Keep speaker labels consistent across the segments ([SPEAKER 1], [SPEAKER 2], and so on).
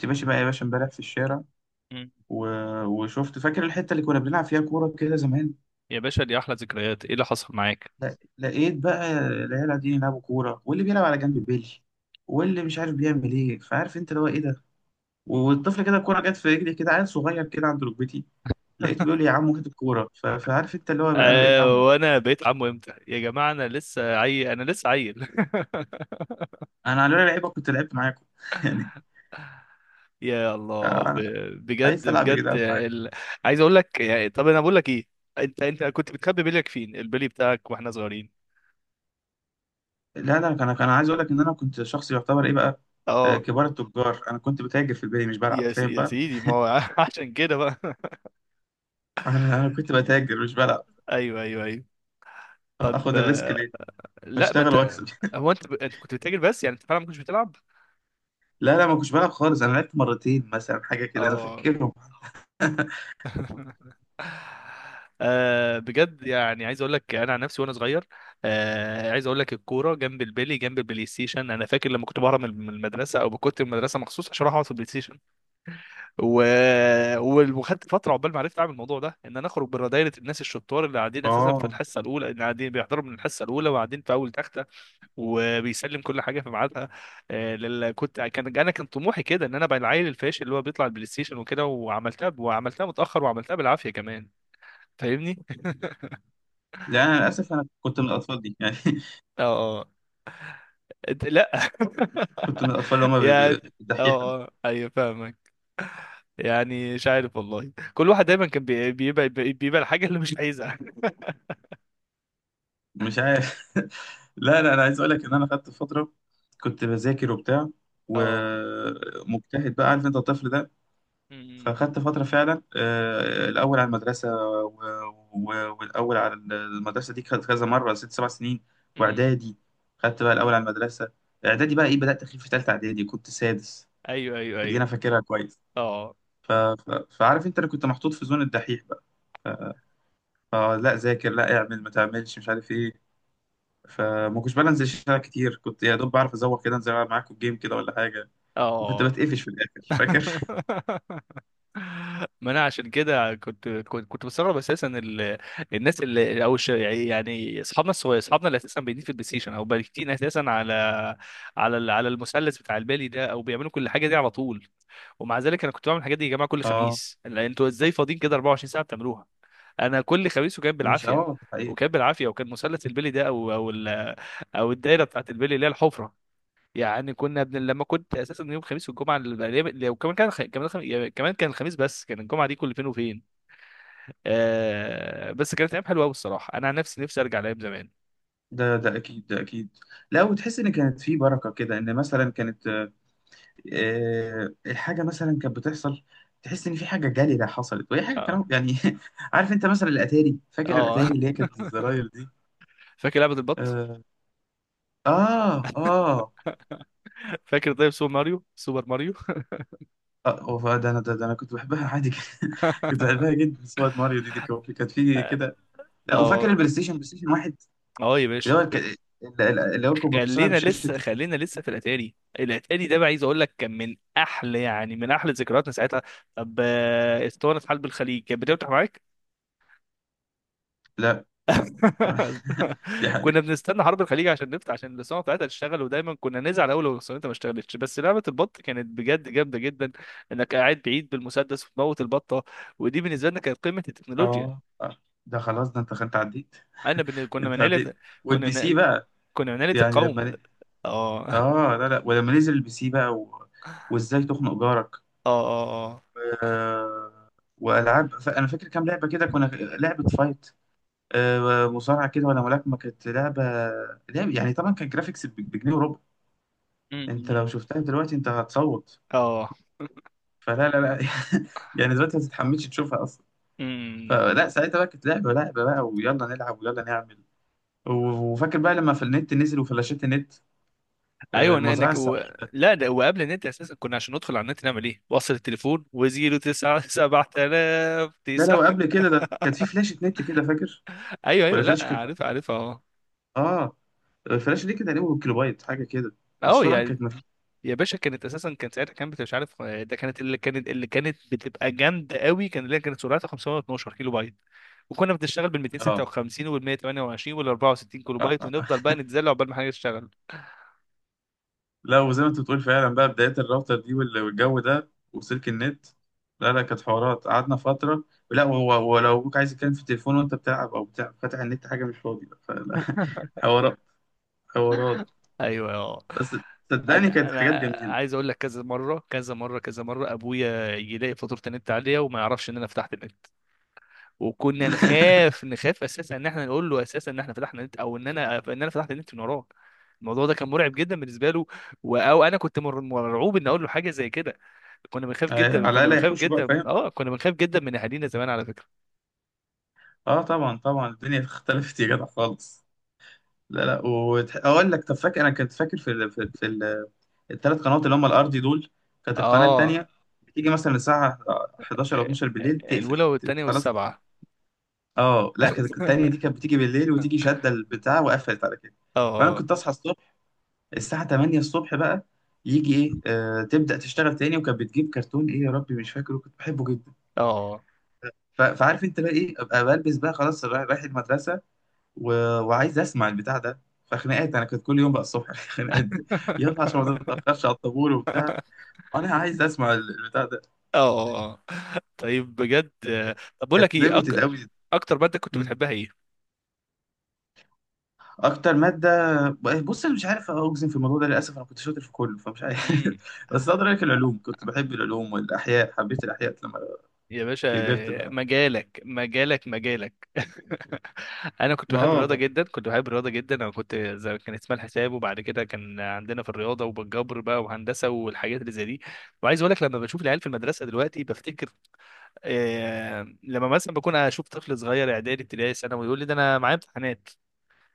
[SPEAKER 1] كنت ماشي بقى يا باشا امبارح في الشارع
[SPEAKER 2] مم.
[SPEAKER 1] و... وشفت فاكر الحته اللي كنا بنلعب فيها كوره كده زمان.
[SPEAKER 2] يا باشا دي احلى ذكريات، ايه اللي حصل معاك؟
[SPEAKER 1] لا... لقيت بقى العيال قاعدين يلعبوا كوره، واللي بيلعب على جنب بيلي واللي مش عارف بيعمل ايه، فعارف انت اللي هو ايه ده. والطفل كده الكوره جت في رجلي، كده عيل صغير كده عند ركبتي، لقيته بيقول لي يا عمو هات الكوره. فعارف انت اللي هو بقى، انا بقيت عمو.
[SPEAKER 2] آه، وانا بقيت عمو امتى يا جماعه؟ انا لسه عيل، انا لسه عيل.
[SPEAKER 1] انا على لعيبه كنت لعبت معاكم يعني.
[SPEAKER 2] يا الله
[SPEAKER 1] انا عايز
[SPEAKER 2] بجد
[SPEAKER 1] العب يا
[SPEAKER 2] بجد
[SPEAKER 1] جدعان معاكم.
[SPEAKER 2] عايز اقول لك يعني، طب انا بقول لك ايه؟ انت كنت بتخبي بليك فين، البلي بتاعك واحنا صغيرين؟
[SPEAKER 1] لا لا، انا كان عايز اقول لك ان انا كنت شخص يعتبر ايه بقى، آه،
[SPEAKER 2] اه.
[SPEAKER 1] كبار التجار. انا كنت بتاجر في البيت مش بلعب، فاهم
[SPEAKER 2] يا
[SPEAKER 1] بقى.
[SPEAKER 2] سيدي ما هو عشان كده بقى.
[SPEAKER 1] انا كنت بتاجر مش بلعب.
[SPEAKER 2] ايوه ايوه ايوه. طب،
[SPEAKER 1] اخد الريسك ليه، ما
[SPEAKER 2] لا ما
[SPEAKER 1] اشتغل
[SPEAKER 2] انت.
[SPEAKER 1] واكسب
[SPEAKER 2] هو انت انت كنت بتتاجر، بس يعني انت فعلا ما كنتش بتلعب؟
[SPEAKER 1] لا لا، ما كنتش بلعب خالص، انا لعبت مرتين مثلا حاجه كده، انا
[SPEAKER 2] اه.
[SPEAKER 1] فاكرهم
[SPEAKER 2] آه بجد، يعني عايز اقول لك انا عن نفسي وانا صغير. آه، عايز اقول لك الكوره جنب البلي جنب البلاي ستيشن. انا فاكر لما كنت بهرب من المدرسه، او كنت من المدرسه مخصوص عشان اروح اقعد في البلاي ستيشن. و... وخدت فتره عقبال ما عرفت اعمل الموضوع ده، ان انا اخرج بره دايره الناس الشطار اللي قاعدين اساسا في
[SPEAKER 1] اه،
[SPEAKER 2] الحصه الاولى، اللي قاعدين بيحضروا من الحصه الاولى وقاعدين في اول تخت، وبيسلم كل حاجه في ميعادها. كنت كان انا كان طموحي كده ان انا ابقى العيل الفاشل اللي هو بيطلع البلاي ستيشن وكده، وعملتها، وعملتها متاخر، وعملتها بالعافيه كمان. فاهمني؟
[SPEAKER 1] لا انا للاسف انا كنت من الاطفال دي يعني
[SPEAKER 2] اه اه. لا.
[SPEAKER 1] كنت من الاطفال اللي هم
[SPEAKER 2] يعني.
[SPEAKER 1] الدحيحه.
[SPEAKER 2] اه اه ايوه، فاهمك. يعني مش عارف والله، كل واحد دايما كان بيبقى الحاجه اللي مش عايزها.
[SPEAKER 1] مش عارف لا لا، انا عايز اقول لك ان انا خدت فتره كنت بذاكر وبتاع
[SPEAKER 2] اه.
[SPEAKER 1] ومجتهد، بقى عارف انت الطفل ده.
[SPEAKER 2] امم.
[SPEAKER 1] فخدت فترة فعلا آه، الأول على المدرسة والأول على المدرسة دي خدت كذا مرة ست سبع سنين
[SPEAKER 2] امم.
[SPEAKER 1] وإعدادي. خدت بقى الأول على المدرسة إعدادي، بقى إيه بدأت أخيب في تالتة إعدادي كنت سادس،
[SPEAKER 2] ايوه ايوه
[SPEAKER 1] دي أنا
[SPEAKER 2] ايوه.
[SPEAKER 1] فاكرها كويس.
[SPEAKER 2] اه
[SPEAKER 1] فعارف أنت، أنا كنت محطوط في زون الدحيح بقى، آه لا ذاكر لا اعمل ما تعملش مش عارف إيه. فما كنتش بقى أنزل الشارع كتير، كنت يا دوب بعرف أزوق كده أنزل ألعب معاكم الجيم كده ولا حاجة، وكنت
[SPEAKER 2] اه.
[SPEAKER 1] بتقفش في الآخر، فاكر؟
[SPEAKER 2] ما انا عشان كده كنت بستغرب اساسا الناس اللي، او يعني اصحابنا الصغير، اصحابنا اللي اساسا بيدين في البلاي ستيشن او بايتين اساسا على على المثلث بتاع البالي ده، او بيعملوا كل حاجه دي على طول. ومع ذلك انا كنت بعمل الحاجات دي يا جماعه كل
[SPEAKER 1] آه،
[SPEAKER 2] خميس. لا، انتوا ازاي فاضيين كده 24 ساعه بتعملوها؟ انا كل خميس وكان
[SPEAKER 1] مش
[SPEAKER 2] بالعافيه.
[SPEAKER 1] آه.
[SPEAKER 2] وكان بالعافيه، وكان مثلث البلي ده، او الدايره بتاعت البلي اللي هي الحفره. يعني لما كنت اساسا يوم الخميس والجمعه وكمان كان خ... كمان خ... يعني كمان كان الخميس، بس كان الجمعه دي كل فين وفين. بس كانت ايام حلوه قوي الصراحه، انا عن نفسي نفسي ارجع لايام زمان.
[SPEAKER 1] ده ده اكيد، ده اكيد. لا، وتحس ان كانت في بركه كده، ان مثلا كانت آه، الحاجه مثلا كانت بتحصل تحس ان في حاجه جليله حصلت، وهي حاجه
[SPEAKER 2] اه
[SPEAKER 1] كلام يعني عارف انت مثلا الاتاري، فاكر
[SPEAKER 2] اه.
[SPEAKER 1] الاتاري اللي هي كانت الزراير دي.
[SPEAKER 2] فاكر لعبه البط؟
[SPEAKER 1] اه، اه، اه.
[SPEAKER 2] فاكر طيب سوبر ماريو؟ سوبر ماريو.
[SPEAKER 1] آه، ده انا ده انا كنت بحبها عادي كده. كنت بحبها جدا، صوره ماريو دي كانت في كده. لا، وفاكر
[SPEAKER 2] اه
[SPEAKER 1] البلاي ستيشن، بلاي ستيشن واحد،
[SPEAKER 2] اه يا
[SPEAKER 1] اللي
[SPEAKER 2] باشا.
[SPEAKER 1] هو اللي هو كنت بتوصلها
[SPEAKER 2] خلينا
[SPEAKER 1] بشاشه
[SPEAKER 2] لسه، خلينا
[SPEAKER 1] التلفزيون.
[SPEAKER 2] لسه في الاتاري. الاتاري ده بقى عايز اقول لك كان من احلى، يعني من احلى ذكرياتنا ساعتها. طب، اسطوانه حلب الخليج كانت بتفتح معاك؟
[SPEAKER 1] لا لا دي
[SPEAKER 2] كنا
[SPEAKER 1] حقيقة.
[SPEAKER 2] بنستنى حرب الخليج عشان نفتح، عشان الصناعه بتاعتها تشتغل، ودايما كنا نزعل اول لو الصناعه ما اشتغلتش. بس لعبه البط كانت بجد جامده جدا، انك قاعد بعيد بالمسدس وتموت البطه. ودي بالنسبه لنا كانت قمه التكنولوجيا.
[SPEAKER 1] اه، آه. ده خلاص، ده انت عديت،
[SPEAKER 2] كنا
[SPEAKER 1] انت
[SPEAKER 2] من عيله.
[SPEAKER 1] عديت.
[SPEAKER 2] كنا
[SPEAKER 1] والبي سي
[SPEAKER 2] من...
[SPEAKER 1] بقى
[SPEAKER 2] كنا من عيله
[SPEAKER 1] يعني لما
[SPEAKER 2] القوم. اه اه
[SPEAKER 1] اه لا لا، ولما نزل البي سي بقى وازاي تخنق جارك.
[SPEAKER 2] اه اه.
[SPEAKER 1] آه، والعاب انا فاكر كام لعبه كده، كنا لعبه فايت آه، مصارعه كده ولا ملاكمه كانت لعبه. يعني طبعا كان جرافيكس بجنيه وربع. انت لو
[SPEAKER 2] أمم.
[SPEAKER 1] شفتها دلوقتي انت هتصوت،
[SPEAKER 2] اه.
[SPEAKER 1] فلا لا لا يعني دلوقتي ما تتحملش تشوفها اصلا.
[SPEAKER 2] أمم.
[SPEAKER 1] فلا، ساعتها بقى كانت لعبه، لعبه بقى ويلا نلعب ويلا نعمل. وفاكر بقى لما في النت نزل، وفلاشات النت آه،
[SPEAKER 2] ايوه
[SPEAKER 1] المزرعه
[SPEAKER 2] انك
[SPEAKER 1] السعيده.
[SPEAKER 2] لا، ده وقبل النت اساسا، كنا عشان ندخل على النت نعمل ايه؟ وصل التليفون، وزيرو تسعة سبعة آلاف
[SPEAKER 1] لا،
[SPEAKER 2] تسعة.
[SPEAKER 1] لو قبل كده ده كانت في فلاشه نت كده، فاكر؟
[SPEAKER 2] ايوه
[SPEAKER 1] ولا
[SPEAKER 2] ايوه، لا
[SPEAKER 1] فلاشه كانت،
[SPEAKER 2] عارف عارف. آه.
[SPEAKER 1] اه. الفلاشه دي كانت تقريبا كيلوبايت حاجه كده،
[SPEAKER 2] اه
[SPEAKER 1] السرعه
[SPEAKER 2] يعني.
[SPEAKER 1] كانت
[SPEAKER 2] يا باشا كانت اساسا، كان ساعتها كانت مش عارف، ده كانت اللي كانت بتبقى جامده قوي، كان اللي هي كانت سرعتها 512 كيلو بايت. وكنا بنشتغل بال
[SPEAKER 1] اه
[SPEAKER 2] 256 وال 128 وال 64 كيلو
[SPEAKER 1] آه،
[SPEAKER 2] بايت،
[SPEAKER 1] آه
[SPEAKER 2] ونفضل بقى نتزلق عقبال ما حاجه تشتغل.
[SPEAKER 1] لا، وزي ما انت بتقول فعلا بقى، بدايه الراوتر دي والجو ده وسلك النت. لا لا، كانت حوارات قعدنا فتره. لا، هو ولو ابوك عايز يتكلم في التليفون وانت بتلعب او بتاع فاتح النت، حاجه مش فاضي بقى، فلا حوارات، حوارات.
[SPEAKER 2] ايوه. اه.
[SPEAKER 1] بس صدقني
[SPEAKER 2] انا
[SPEAKER 1] كانت
[SPEAKER 2] انا
[SPEAKER 1] حاجات جميله.
[SPEAKER 2] عايز اقول لك، كذا مره كذا مره كذا مره ابويا يلاقي فاتوره النت عاليه وما يعرفش ان انا فتحت النت. وكنا نخاف، نخاف اساسا ان احنا نقول له اساسا ان احنا فتحنا نت، او ان انا فتحت النت من وراه. الموضوع ده كان مرعب جدا بالنسبه له. او انا كنت مرعوب ان اقول له حاجه زي كده. كنا بنخاف جدا،
[SPEAKER 1] على
[SPEAKER 2] كنا
[SPEAKER 1] الاقل
[SPEAKER 2] بنخاف
[SPEAKER 1] هيحوشوا بقى،
[SPEAKER 2] جدا،
[SPEAKER 1] فاهم.
[SPEAKER 2] اه كنا بنخاف جدا من اهالينا زمان على فكره.
[SPEAKER 1] اه طبعا طبعا، الدنيا اختلفت يا جدع خالص. لا لا، واقول لك، طب فاكر انا كنت فاكر في ال... الثلاث قنوات اللي هم الارضي دول، كانت القناه
[SPEAKER 2] اه.
[SPEAKER 1] التانيه بتيجي مثلا الساعه 11 او 12 بالليل
[SPEAKER 2] آه،
[SPEAKER 1] تقفل
[SPEAKER 2] الاولى والثانيه
[SPEAKER 1] خلاص.
[SPEAKER 2] والسبعه.
[SPEAKER 1] اه لا، كانت التانيه دي كانت بتيجي بالليل وتيجي شاده البتاع وقفلت على كده. فانا
[SPEAKER 2] اه
[SPEAKER 1] كنت اصحى الصبح الساعه 8 الصبح بقى، يجي ايه آه تبدا تشتغل تاني، وكانت بتجيب كرتون ايه يا ربي مش فاكره، كنت بحبه جدا.
[SPEAKER 2] اه.
[SPEAKER 1] فعارف انت بقى ايه، ابقى بلبس بقى خلاص رايح، رايح المدرسه و... وعايز اسمع البتاع ده، فخناقات انا كنت كل يوم بقى الصبح الخناقات دي، يلا عشان ما تتاخرش على الطابور وبتاع، انا عايز اسمع البتاع ده.
[SPEAKER 2] اه طيب بجد، طب بقول
[SPEAKER 1] كانت
[SPEAKER 2] لك ايه،
[SPEAKER 1] ليميتد قوي.
[SPEAKER 2] اكتر ماده كنت
[SPEAKER 1] مم.
[SPEAKER 2] بتحبها؟
[SPEAKER 1] اكتر ماده، بص انا مش عارف اجزم في الموضوع ده، للاسف انا كنت شاطر في كله فمش عارف
[SPEAKER 2] ايه؟
[SPEAKER 1] بس اقدر اقول لك العلوم، كنت بحب العلوم والاحياء، حبيت الاحياء لما
[SPEAKER 2] يا
[SPEAKER 1] كبرت
[SPEAKER 2] باشا،
[SPEAKER 1] بقى،
[SPEAKER 2] مجالك مجالك مجالك. انا كنت بحب
[SPEAKER 1] اه
[SPEAKER 2] الرياضه
[SPEAKER 1] بقى.
[SPEAKER 2] جدا، كنت بحب الرياضه جدا. انا كنت زي، كان اسمها الحساب، وبعد كده كان عندنا في الرياضه وبالجبر بقى، وهندسه والحاجات اللي زي دي. وعايز اقول لك، لما بشوف العيال في المدرسه دلوقتي بفتكر. آه، لما مثلا بكون اشوف طفل صغير، اعدادي، ابتدائي، ثانوي، يقول لي ده انا معايا امتحانات.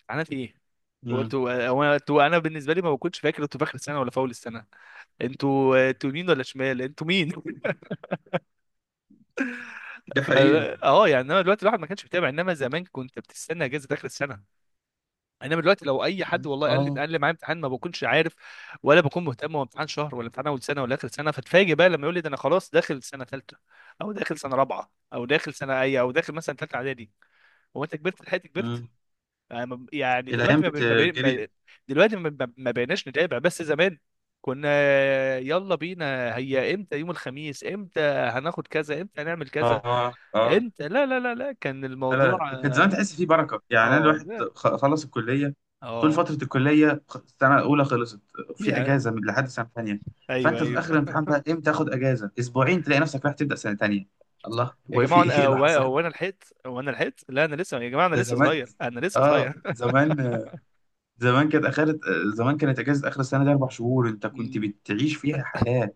[SPEAKER 2] امتحانات ايه؟ هو
[SPEAKER 1] مم.
[SPEAKER 2] انتوا هو انتوا انا بالنسبه لي ما بكونش فاكر انتوا في اخر السنه ولا في اول السنه. انتوا، انتوا يمين ولا شمال؟ انتوا مين؟
[SPEAKER 1] دي
[SPEAKER 2] ف-
[SPEAKER 1] حقيقة.
[SPEAKER 2] اه يعني، انما دلوقتي الواحد ما كانش بيتابع، انما زمان كنت بتستنى اجازه اخر السنه. انما دلوقتي لو اي
[SPEAKER 1] مم.
[SPEAKER 2] حد والله قال لي
[SPEAKER 1] اه.
[SPEAKER 2] قال لي معايا امتحان، ما بكونش عارف ولا بكون مهتم هو امتحان شهر ولا امتحان اول سنه ولا اخر سنه. فتفاجئ بقى لما يقول لي ده انا خلاص داخل سنه ثالثه، او داخل سنه رابعه او داخل سنه اي، او داخل مثلا ثالثه اعدادي. هو انت كبرت؟ لحقت كبرت؟
[SPEAKER 1] مم.
[SPEAKER 2] يعني يعني
[SPEAKER 1] الايام
[SPEAKER 2] دلوقتي ما, بين- ما, بين-
[SPEAKER 1] بتجري.
[SPEAKER 2] ما دلوقتي ما بقيناش نتابع، بس زمان كنا. يلا بينا، هي امتى يوم الخميس، امتى هناخد كذا، امتى هنعمل كذا.
[SPEAKER 1] اه اه.
[SPEAKER 2] انت لا لا لا لا كان
[SPEAKER 1] لا لا
[SPEAKER 2] الموضوع
[SPEAKER 1] لا. وكانت زمان
[SPEAKER 2] اه.
[SPEAKER 1] تحس فيه بركه، يعني انا
[SPEAKER 2] اه
[SPEAKER 1] الواحد
[SPEAKER 2] لا.
[SPEAKER 1] خلص الكليه، طول
[SPEAKER 2] آه.
[SPEAKER 1] فتره الكليه السنه الاولى خلصت في
[SPEAKER 2] يا.
[SPEAKER 1] اجازه من لحد سنه ثانيه،
[SPEAKER 2] ايوه
[SPEAKER 1] فانت في اخر
[SPEAKER 2] ايوه
[SPEAKER 1] الامتحان بقى امتى، تاخد اجازه اسبوعين تلاقي نفسك رايح تبدا سنه ثانيه. الله
[SPEAKER 2] يا
[SPEAKER 1] هو في
[SPEAKER 2] جماعه،
[SPEAKER 1] ايه اللي
[SPEAKER 2] هو
[SPEAKER 1] حصل
[SPEAKER 2] هو انا لحقت، هو انا لحقت، لا انا لسه يا جماعه، انا
[SPEAKER 1] ده
[SPEAKER 2] لسه
[SPEAKER 1] زمان،
[SPEAKER 2] صغير، انا لسه
[SPEAKER 1] اه
[SPEAKER 2] صغير.
[SPEAKER 1] زمان. زمان كانت اخر، زمان كانت اجازه اخر السنه دي 4 شهور انت كنت بتعيش فيها حياه،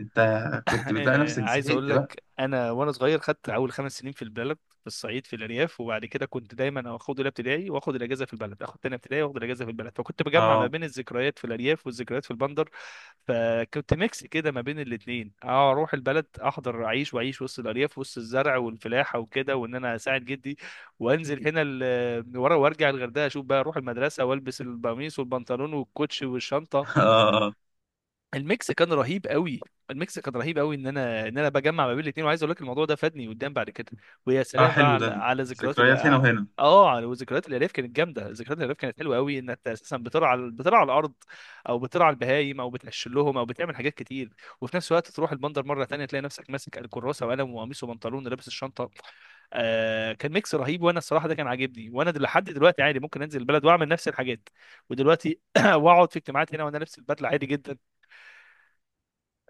[SPEAKER 1] انت كنت بتلاقي نفسك
[SPEAKER 2] عايز اقول
[SPEAKER 1] زهقت بقى.
[SPEAKER 2] لك، انا وانا صغير خدت اول 5 سنين في البلد، في الصعيد، في الارياف. وبعد كده كنت دايما اخد اولى ابتدائي واخد الاجازه في البلد، اخد تانية ابتدائي واخد الاجازه في البلد، فكنت بجمع ما
[SPEAKER 1] اه
[SPEAKER 2] بين الذكريات في الارياف والذكريات في البندر. فكنت ميكس كده ما بين الاثنين، اروح البلد، احضر، اعيش، واعيش وسط الارياف، وسط الزرع والفلاحه وكده، وان انا اساعد جدي. وانزل هنا ورا، وارجع الغردقه، اشوف بقى، اروح المدرسه والبس القميص والبنطلون والكوتش والشنطه.
[SPEAKER 1] اه اه.
[SPEAKER 2] الميكس كان رهيب قوي. الميكس كان رهيب قوي، ان انا، بجمع ما بين الاثنين. وعايز اقول لك الموضوع ده فادني قدام بعد كده. ويا
[SPEAKER 1] آه،
[SPEAKER 2] سلام بقى
[SPEAKER 1] حلو
[SPEAKER 2] على،
[SPEAKER 1] ده،
[SPEAKER 2] على ذكريات ال.
[SPEAKER 1] ذكريات هنا وهنا.
[SPEAKER 2] اه، على، وذكريات الالياف كانت جامده، ذكريات الالياف كانت حلوه قوي، ان انت اساسا بترعى، بترعى الارض، او بترعى البهايم، او بتقشر لهم، او بتعمل حاجات كتير. وفي نفس الوقت تروح البندر مره تانية، تلاقي نفسك ماسك الكراسه وقلم وقميص وبنطلون ولابس الشنطه. آه كان ميكس رهيب. وانا الصراحه ده كان عاجبني، وانا لحد دلوقتي عادي ممكن انزل البلد واعمل نفس الحاجات. ودلوقتي واقعد في اجتماعات هنا وانا لابس البدله عادي جدا.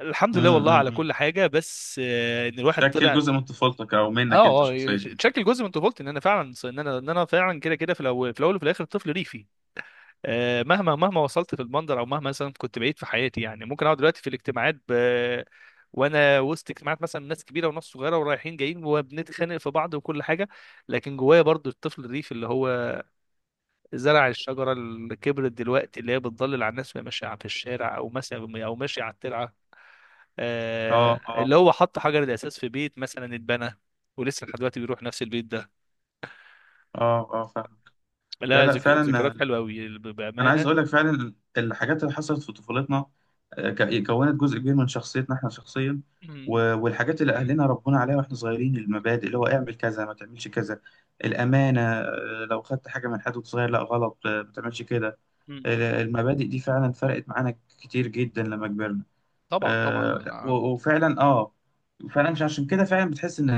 [SPEAKER 2] الحمد لله والله على
[SPEAKER 1] امم،
[SPEAKER 2] كل حاجه. بس ان الواحد
[SPEAKER 1] شكل
[SPEAKER 2] طلع.
[SPEAKER 1] جزء من طفولتك او منك انت
[SPEAKER 2] اه
[SPEAKER 1] شخصيا
[SPEAKER 2] اه
[SPEAKER 1] يعني.
[SPEAKER 2] تشكل جزء من طفولتي، ان انا فعلا، ان انا فعلا كده، كده في الاول، وفي الاخر طفل ريفي. آه، مهما مهما وصلت في المنظر، او مهما مثلا كنت بعيد في حياتي، يعني ممكن اقعد دلوقتي في الاجتماعات وانا وسط اجتماعات مثلا ناس كبيره وناس صغيره ورايحين جايين وبنتخانق في بعض وكل حاجه، لكن جوايا برضو الطفل الريفي اللي هو زرع الشجرة اللي كبرت دلوقتي، اللي هي بتضلل على الناس وهي ماشية في الشارع، أو مثلا أو ماشية على الترعة.
[SPEAKER 1] اه
[SPEAKER 2] آه، اللي
[SPEAKER 1] اه،
[SPEAKER 2] هو حط حجر الأساس في بيت مثلا اتبنى، ولسه لحد دلوقتي بيروح نفس البيت ده.
[SPEAKER 1] اه اه، فاهم. لا
[SPEAKER 2] لا،
[SPEAKER 1] لا، فعلا
[SPEAKER 2] ذكريات
[SPEAKER 1] آه،
[SPEAKER 2] حلوة أوي
[SPEAKER 1] انا عايز
[SPEAKER 2] بأمانة.
[SPEAKER 1] اقول لك فعلا الحاجات اللي حصلت في طفولتنا آه، كونت جزء كبير من شخصيتنا احنا شخصيا.
[SPEAKER 2] مم.
[SPEAKER 1] والحاجات اللي اهلنا ربونا عليها واحنا صغيرين، المبادئ اللي هو اعمل كذا ما تعملش كذا، الامانه آه، لو خدت حاجه من حد وأنت صغير لا غلط آه، ما تعملش كده.
[SPEAKER 2] مم.
[SPEAKER 1] آه، المبادئ دي فعلا فرقت معانا كتير جدا لما كبرنا
[SPEAKER 2] طبعا طبعا،
[SPEAKER 1] آه، وفعلا اه فعلا. مش عشان كده فعلا بتحس ان،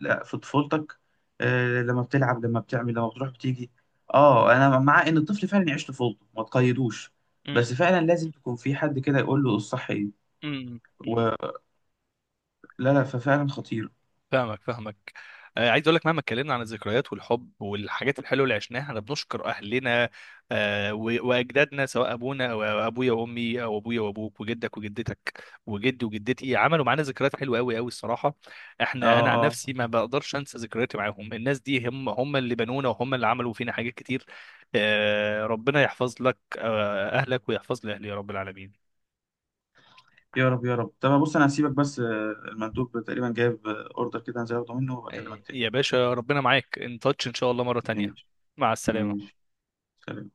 [SPEAKER 1] لا في طفولتك آه، لما بتلعب لما بتعمل لما بتروح بتيجي. اه انا مع ان الطفل فعلا يعيش طفولته ما تقيدوش،
[SPEAKER 2] مم.
[SPEAKER 1] بس فعلا لازم تكون في حد كده يقول له الصح ايه
[SPEAKER 2] مم. مم.
[SPEAKER 1] ولا، لا ففعلا خطير.
[SPEAKER 2] فاهمك، فاهمك. آه، عايز اقول لك مهما اتكلمنا عن الذكريات والحب والحاجات الحلوه اللي عشناها، احنا بنشكر اهلنا. آه، واجدادنا، سواء ابونا، او ابويا وامي، او ابويا وابوك وجدك وجدتك وجدي وجدتي، عملوا معانا ذكريات حلوه قوي قوي الصراحه. احنا،
[SPEAKER 1] اه
[SPEAKER 2] انا عن
[SPEAKER 1] اه.
[SPEAKER 2] نفسي ما بقدرش انسى ذكرياتي معاهم. الناس دي هم اللي بنونا، وهم اللي عملوا فينا حاجات كتير. آه، ربنا يحفظ لك، آه، اهلك، ويحفظ لي اهلي يا رب العالمين.
[SPEAKER 1] يا رب يا رب. طب بص، انا هسيبك بس آه، المندوب تقريبا جايب آه، اوردر كده هنزل اخده منه وبكلمك
[SPEAKER 2] آه،
[SPEAKER 1] تاني.
[SPEAKER 2] يا باشا، ربنا معاك، ان تاتش ان شاء الله مره تانية.
[SPEAKER 1] ماشي،
[SPEAKER 2] مع السلامه.
[SPEAKER 1] ماشي. سلام.